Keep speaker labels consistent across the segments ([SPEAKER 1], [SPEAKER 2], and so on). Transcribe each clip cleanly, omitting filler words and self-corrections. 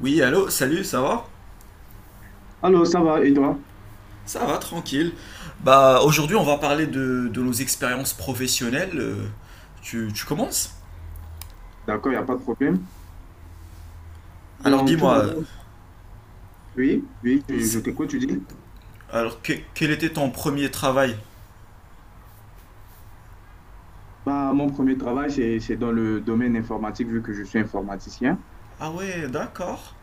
[SPEAKER 1] Oui, allô, salut, ça va?
[SPEAKER 2] Alors, ça va, et toi?
[SPEAKER 1] Ça va, tranquille. Bah, aujourd'hui, on va parler de nos expériences professionnelles. Tu commences?
[SPEAKER 2] D'accord, il n'y a pas de problème.
[SPEAKER 1] Alors,
[SPEAKER 2] Bon, tout
[SPEAKER 1] dis-moi,
[SPEAKER 2] d'abord, oui, oui, je
[SPEAKER 1] c'est-
[SPEAKER 2] t'écoute, tu dis.
[SPEAKER 1] quel était ton premier travail?
[SPEAKER 2] Bah, mon premier travail, c'est dans le domaine informatique, vu que je suis informaticien.
[SPEAKER 1] Ah ouais, d'accord.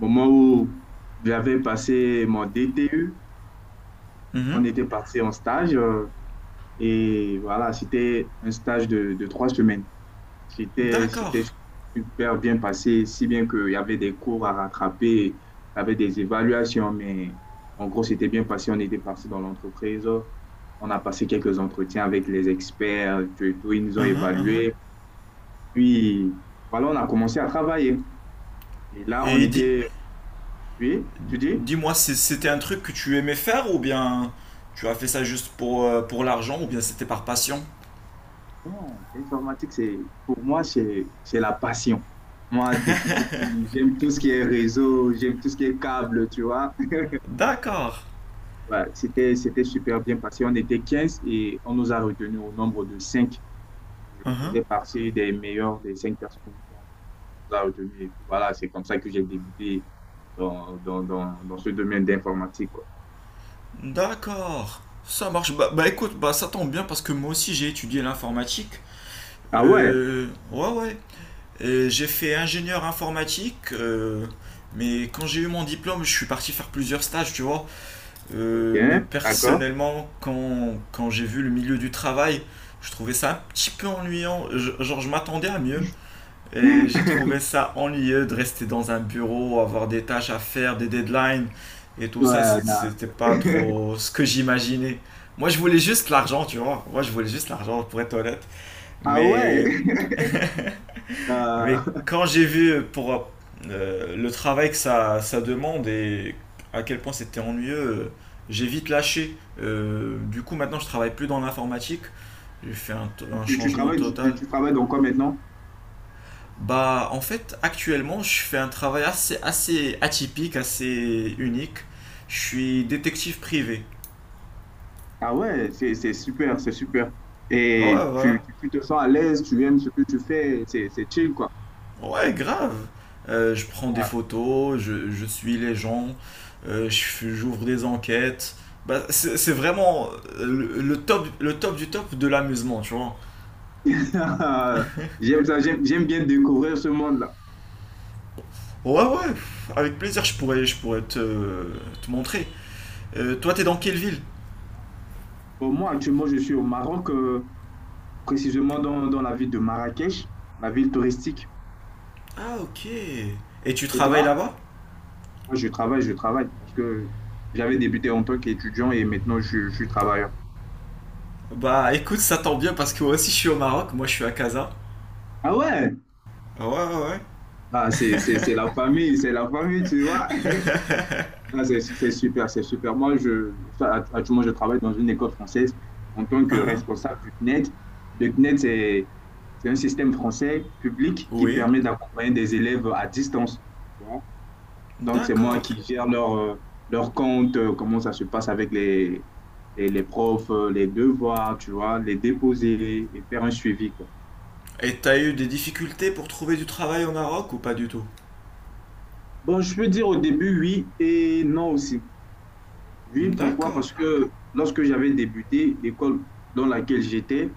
[SPEAKER 2] Au moment où j'avais passé mon DTU, on
[SPEAKER 1] Mhm.
[SPEAKER 2] était parti en stage, et voilà, c'était un stage de trois semaines. C'était
[SPEAKER 1] D'accord.
[SPEAKER 2] super bien passé, si bien qu'il y avait des cours à rattraper, il y avait des évaluations, mais en gros, c'était bien passé. On était parti dans l'entreprise, on a passé quelques entretiens avec les experts, tout, et tout, ils nous ont
[SPEAKER 1] Mhm,
[SPEAKER 2] évalués.
[SPEAKER 1] mhm.
[SPEAKER 2] Puis, voilà, on a commencé à travailler. Et là, on
[SPEAKER 1] Et dis,
[SPEAKER 2] était, oui, tu dis?
[SPEAKER 1] dis-moi, c'était un truc que tu aimais faire ou bien tu as fait ça juste pour l'argent ou bien c'était par passion?
[SPEAKER 2] Non, l'informatique, c'est, pour moi, c'est la passion. Moi, depuis tout petit, j'aime tout ce qui est réseau, j'aime tout ce qui est câble, tu vois.
[SPEAKER 1] D'accord.
[SPEAKER 2] Ouais, c'était super bien passé. On était 15 et on nous a retenus au nombre de cinq. Je
[SPEAKER 1] Mhm.
[SPEAKER 2] faisais partie des meilleurs des 5 personnes qu'on nous a retenus. Et puis voilà, c'est comme ça que j'ai débuté dans ce domaine d'informatique, quoi.
[SPEAKER 1] D'accord, ça marche. Bah écoute, bah ça tombe bien parce que moi aussi j'ai étudié l'informatique.
[SPEAKER 2] Ah ouais,
[SPEAKER 1] Ouais. Et j'ai fait ingénieur informatique, mais quand j'ai eu mon diplôme, je suis parti faire plusieurs stages, tu vois.
[SPEAKER 2] ok,
[SPEAKER 1] Mais
[SPEAKER 2] d'accord.
[SPEAKER 1] personnellement, quand j'ai vu le milieu du travail, je trouvais ça un petit peu ennuyant. Genre, je m'attendais à mieux. Et j'ai trouvé ça ennuyeux de rester dans un bureau, avoir des tâches à faire, des deadlines et tout ça.
[SPEAKER 2] Ouais, non.
[SPEAKER 1] C'était pas trop ce que j'imaginais. Moi, je voulais juste l'argent, tu vois. Moi, je voulais juste l'argent, pour être honnête.
[SPEAKER 2] Ah ouais.
[SPEAKER 1] Mais, mais
[SPEAKER 2] Euh,
[SPEAKER 1] quand j'ai vu pour le travail que ça demande et à quel point c'était ennuyeux, j'ai vite lâché. Du coup, maintenant, je travaille plus dans l'informatique. J'ai fait un
[SPEAKER 2] Tu, tu
[SPEAKER 1] changement
[SPEAKER 2] travailles, tu,
[SPEAKER 1] total.
[SPEAKER 2] tu travailles donc quoi maintenant?
[SPEAKER 1] Bah, en fait, actuellement, je fais un travail assez atypique, assez unique. Je suis détective privé.
[SPEAKER 2] Ah ouais, c'est super, c'est super.
[SPEAKER 1] Ouais,
[SPEAKER 2] Et
[SPEAKER 1] voilà.
[SPEAKER 2] tu te sens à l'aise, tu aimes ce que tu fais, c'est chill, quoi.
[SPEAKER 1] Ouais, grave. Je prends des photos, je suis les gens, j'ouvre des enquêtes. Bah, c'est vraiment le top du top de l'amusement, tu vois.
[SPEAKER 2] J'aime ça, j'aime, j'aime bien découvrir ce monde-là.
[SPEAKER 1] Ouais, ouais, pff, avec plaisir, je pourrais te, te montrer. Toi, t'es dans quelle ville?
[SPEAKER 2] Bon, moi, actuellement, je suis au Maroc, précisément dans la ville de Marrakech, la ville touristique.
[SPEAKER 1] Ah, ok. Et tu
[SPEAKER 2] Et
[SPEAKER 1] travailles
[SPEAKER 2] toi?
[SPEAKER 1] là-bas?
[SPEAKER 2] Moi, je travaille, parce que j'avais débuté en tant qu'étudiant et maintenant, je suis travailleur.
[SPEAKER 1] Bah écoute, ça tombe bien parce que moi aussi je suis au Maroc, moi je suis à Casa.
[SPEAKER 2] Ah ouais?
[SPEAKER 1] Ah ouais, ouais, ouais.
[SPEAKER 2] Ah, c'est la famille, c'est la famille, tu vois. Ah, c'est super, c'est super. Moi, je, ça, actuellement, je travaille dans une école française en tant que
[SPEAKER 1] Uhum.
[SPEAKER 2] responsable du CNED. Le CNED, c'est un système français public qui
[SPEAKER 1] Oui.
[SPEAKER 2] permet d'accompagner des élèves à distance, tu vois. Donc, c'est moi
[SPEAKER 1] D'accord.
[SPEAKER 2] qui gère leur, leur compte, comment ça se passe avec les, les profs, les devoirs, tu vois, les déposer et faire un suivi, quoi.
[SPEAKER 1] Et t'as eu des difficultés pour trouver du travail au Maroc ou pas du tout?
[SPEAKER 2] Bon, je peux dire au début oui et non aussi. Oui, pourquoi?
[SPEAKER 1] D'accord.
[SPEAKER 2] Parce que lorsque j'avais débuté, l'école dans laquelle j'étais,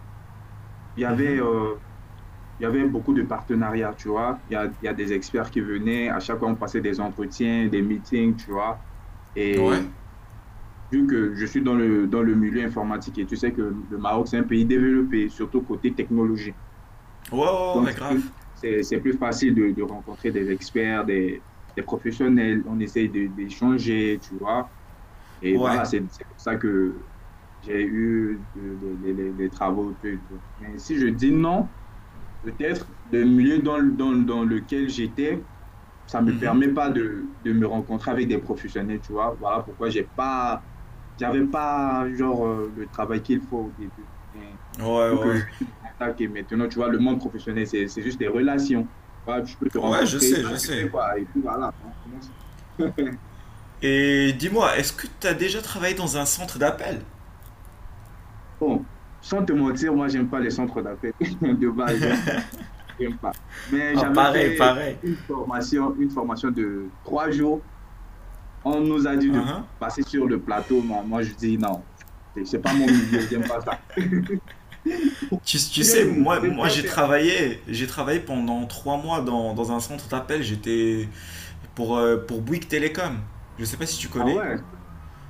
[SPEAKER 2] il y
[SPEAKER 1] Mhm.
[SPEAKER 2] avait, euh, il y avait beaucoup de partenariats, tu vois. Il y a des experts qui venaient, à chaque fois on passait des entretiens, des meetings, tu vois.
[SPEAKER 1] Ouais.
[SPEAKER 2] Et vu que je suis dans le milieu informatique et tu sais que le Maroc, c'est un pays développé, surtout côté technologie.
[SPEAKER 1] Ouais, ouais,
[SPEAKER 2] Donc,
[SPEAKER 1] ouais, grave.
[SPEAKER 2] c'est plus facile de rencontrer des experts, des professionnels. On essaye d'échanger, tu vois. Et
[SPEAKER 1] Ouais.
[SPEAKER 2] voilà, c'est pour ça que j'ai eu les travaux, tout et tout. Mais si je dis non, peut-être le milieu dans lequel j'étais, ça ne me
[SPEAKER 1] Mhm.
[SPEAKER 2] permet pas de me rencontrer avec des professionnels, tu vois. Voilà pourquoi j'avais pas genre le travail qu'il faut au début. Mais
[SPEAKER 1] Ouais,
[SPEAKER 2] vu que
[SPEAKER 1] ouais.
[SPEAKER 2] je t'attaque et maintenant, tu vois, le monde professionnel, c'est juste des relations. Voilà, je peux te
[SPEAKER 1] Ouais, je
[SPEAKER 2] rencontrer.
[SPEAKER 1] sais, je
[SPEAKER 2] Ah, tu
[SPEAKER 1] sais.
[SPEAKER 2] fais quoi? Et puis voilà, on commence.
[SPEAKER 1] Et dis-moi, est-ce que t'as déjà travaillé dans un centre d'appel?
[SPEAKER 2] Bon, sans te mentir, moi, j'aime pas les centres d'appel de base, j'aime pas. Mais
[SPEAKER 1] Ah,
[SPEAKER 2] j'avais
[SPEAKER 1] pareil,
[SPEAKER 2] fait
[SPEAKER 1] pareil.
[SPEAKER 2] une formation de trois jours. On nous a dit de
[SPEAKER 1] Uhum.
[SPEAKER 2] passer sur le plateau. Moi, je dis non, c'est pas mon milieu, j'aime pas ça.
[SPEAKER 1] Tu
[SPEAKER 2] C'est bien
[SPEAKER 1] sais,
[SPEAKER 2] que je
[SPEAKER 1] moi,
[SPEAKER 2] pouvais
[SPEAKER 1] moi
[SPEAKER 2] bien faire.
[SPEAKER 1] j'ai travaillé pendant trois mois dans un centre d'appel. J'étais, pour Bouygues Télécom. Je sais pas si tu
[SPEAKER 2] Ah
[SPEAKER 1] connais.
[SPEAKER 2] ouais?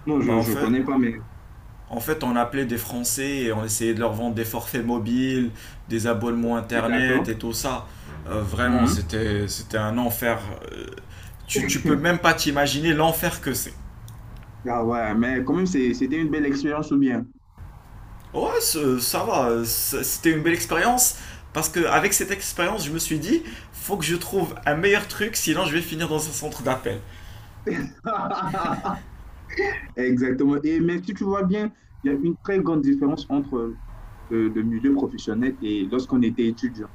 [SPEAKER 2] Non,
[SPEAKER 1] Bah,
[SPEAKER 2] je connais pas, mais
[SPEAKER 1] en fait, on appelait des Français et on essayait de leur vendre des forfaits mobiles, des abonnements
[SPEAKER 2] d'accord.
[SPEAKER 1] internet et tout ça. Vraiment,
[SPEAKER 2] Mhm.
[SPEAKER 1] c'était un enfer. Euh, tu peux même pas t'imaginer l'enfer que c'est.
[SPEAKER 2] Ah ouais, mais quand même, c'était une belle expérience ou bien?
[SPEAKER 1] Ouais, ça va. C'était une belle expérience. Parce que avec cette expérience, je me suis dit, faut que je trouve un meilleur truc, sinon je vais finir dans un centre d'appel.
[SPEAKER 2] Exactement. Et mais si tu vois bien, il y a une très grande différence entre le milieu professionnel et lorsqu'on était étudiant.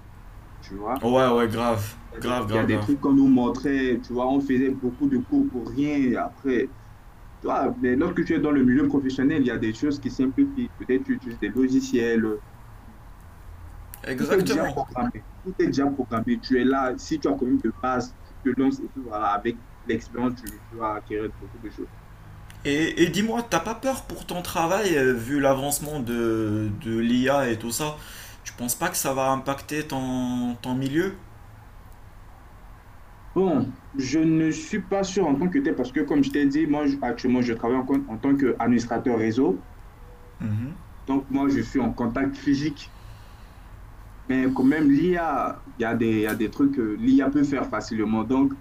[SPEAKER 2] Tu vois,
[SPEAKER 1] Ouais, ouais, grave. Grave,
[SPEAKER 2] il y a
[SPEAKER 1] grave,
[SPEAKER 2] des
[SPEAKER 1] grave.
[SPEAKER 2] trucs qu'on nous montrait, tu vois, on faisait beaucoup de cours pour rien. Et après, toi, mais lorsque tu es dans le milieu professionnel, il y a des choses qui simplifient. Peut-être tu utilises des logiciels. Tout est déjà
[SPEAKER 1] Exactement.
[SPEAKER 2] programmé. Tout est déjà programmé. Tu es là. Si tu as quand même de base, tu te lances et puis voilà, avec l'expérience, tu vas acquérir beaucoup de choses.
[SPEAKER 1] Et dis-moi, t'as pas peur pour ton travail, vu l'avancement de l'IA et tout ça? Tu penses pas que ça va impacter ton, ton milieu?
[SPEAKER 2] Bon, je ne suis pas sûr en tant que tel parce que, comme je t'ai dit, moi, actuellement, je travaille en tant qu'administrateur réseau.
[SPEAKER 1] Mhm.
[SPEAKER 2] Donc, moi, je suis en contact physique. Mais quand même, l'IA, il y a des trucs que l'IA peut faire facilement. Donc,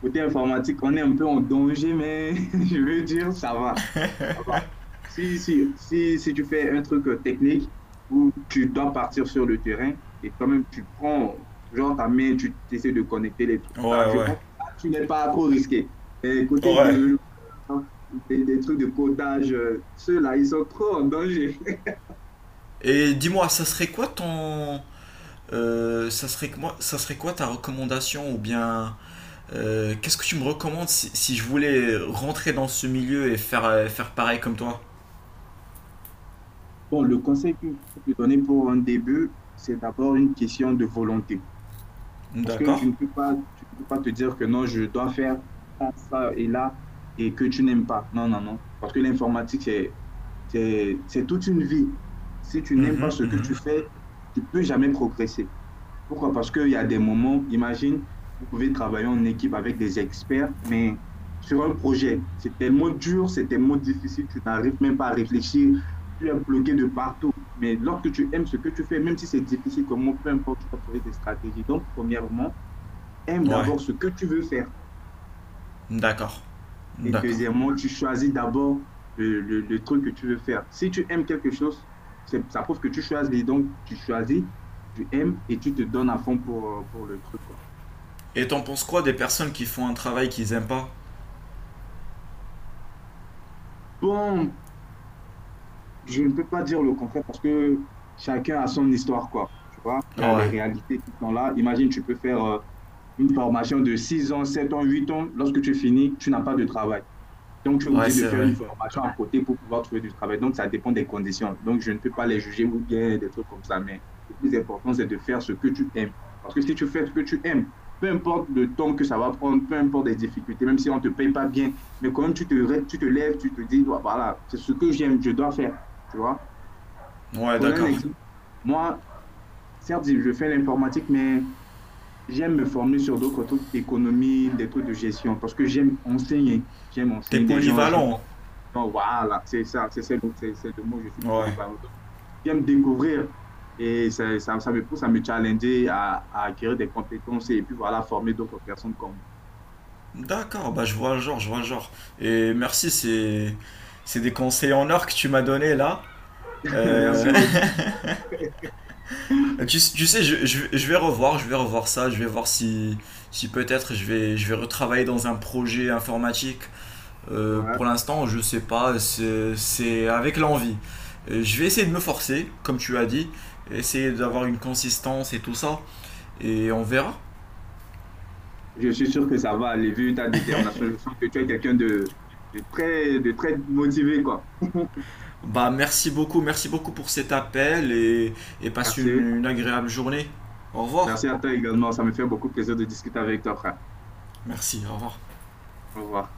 [SPEAKER 2] côté informatique, on est un peu en danger, mais je veux dire, ça va. Ça va. Si tu fais un truc technique où tu dois partir sur le terrain et quand même tu prends, genre ta main, tu essaies de connecter les trucs là,
[SPEAKER 1] Ouais,
[SPEAKER 2] je
[SPEAKER 1] ouais,
[SPEAKER 2] pense que là, tu n'es pas trop risqué. Mais côté
[SPEAKER 1] ouais.
[SPEAKER 2] développeur, des trucs de codage, ceux-là, ils sont trop en danger.
[SPEAKER 1] Et dis-moi, ça serait quoi ton, ça serait quoi ta recommandation ou bien qu'est-ce que tu me recommandes si je voulais rentrer dans ce milieu et faire faire pareil comme toi?
[SPEAKER 2] Bon, le conseil que je peux te donner pour un début, c'est d'abord une question de volonté. Parce que
[SPEAKER 1] D'accord?
[SPEAKER 2] tu ne peux pas te dire que non, je dois faire ça, ça et là, et que tu n'aimes pas. Non, non, non. Parce que l'informatique, c'est toute une vie. Si tu n'aimes pas
[SPEAKER 1] Mhm,
[SPEAKER 2] ce que
[SPEAKER 1] mhm.
[SPEAKER 2] tu fais, tu ne peux jamais progresser. Pourquoi? Parce qu'il y a des moments, imagine, vous pouvez travailler en équipe avec des experts, mais sur un projet, c'est tellement dur, c'est tellement difficile, tu n'arrives même pas à réfléchir, tu es bloqué de partout. Mais lorsque tu aimes ce que tu fais, même si c'est difficile, comment, peu importe, tu vas trouver des stratégies. Donc, premièrement, aime
[SPEAKER 1] Ouais,
[SPEAKER 2] d'abord ce que tu veux faire.
[SPEAKER 1] d'accord,
[SPEAKER 2] Et
[SPEAKER 1] d'accord.
[SPEAKER 2] deuxièmement, tu choisis d'abord le truc que tu veux faire. Si tu aimes quelque chose, ça prouve que tu choisis. Donc, tu choisis, tu aimes et tu te donnes à fond pour le truc, quoi.
[SPEAKER 1] Et t'en penses quoi des personnes qui font un travail qu'ils aiment pas?
[SPEAKER 2] Bon, je ne peux pas dire le contraire parce que chacun a son histoire, quoi. Tu vois, il y a les
[SPEAKER 1] Ouais,
[SPEAKER 2] réalités qui sont là. Imagine, tu peux faire une formation de 6 ans, 7 ans, 8 ans. Lorsque tu finis, tu n'as pas de travail. Donc, tu es
[SPEAKER 1] ouais,
[SPEAKER 2] obligé de
[SPEAKER 1] c'est
[SPEAKER 2] faire
[SPEAKER 1] vrai.
[SPEAKER 2] une formation à côté pour pouvoir trouver du travail. Donc, ça dépend des conditions. Donc, je ne peux pas les juger ou bien des trucs comme ça. Mais le plus important, c'est de faire ce que tu aimes. Parce que si tu fais ce que tu aimes, peu importe le temps que ça va prendre, peu importe les difficultés, même si on ne te paye pas bien, mais quand même, tu te lèves, tu te dis, ouais, voilà, c'est ce que j'aime, je dois faire. Tu vois?
[SPEAKER 1] Ouais,
[SPEAKER 2] Prenons un
[SPEAKER 1] d'accord.
[SPEAKER 2] exemple. Moi, certes, je fais l'informatique, mais j'aime me former sur d'autres trucs, économie, des trucs de gestion, parce que j'aime enseigner. J'aime
[SPEAKER 1] T'es
[SPEAKER 2] enseigner des gens, j'aime
[SPEAKER 1] polyvalent.
[SPEAKER 2] donc, voilà, c'est ça, c'est le mot, je suis
[SPEAKER 1] Ouais.
[SPEAKER 2] polyvalent. Donc, j'aime découvrir et ça me pousse à me challenger, à acquérir des compétences et puis voilà, former d'autres personnes comme moi.
[SPEAKER 1] D'accord, bah je vois le genre, je vois le genre. Et merci, c'est des conseils en or que tu m'as donné là.
[SPEAKER 2] Merci
[SPEAKER 1] Euh,
[SPEAKER 2] beaucoup.
[SPEAKER 1] tu sais, je vais revoir ça, je vais voir si, si peut-être je vais retravailler dans un projet informatique.
[SPEAKER 2] Ouais,
[SPEAKER 1] Pour l'instant, je sais pas, c'est avec l'envie. Je vais essayer de me forcer, comme tu as dit, essayer
[SPEAKER 2] ouais.
[SPEAKER 1] d'avoir une consistance et tout ça, et on verra.
[SPEAKER 2] Je suis sûr que ça va aller vu ta détermination. Je sens que tu es quelqu'un de, de très motivé, quoi.
[SPEAKER 1] Bah, merci beaucoup pour cet appel et passe
[SPEAKER 2] Merci.
[SPEAKER 1] une agréable journée. Au revoir.
[SPEAKER 2] Merci à toi également. Ça me fait beaucoup plaisir de discuter avec toi, frère.
[SPEAKER 1] Merci, au revoir.
[SPEAKER 2] Au revoir.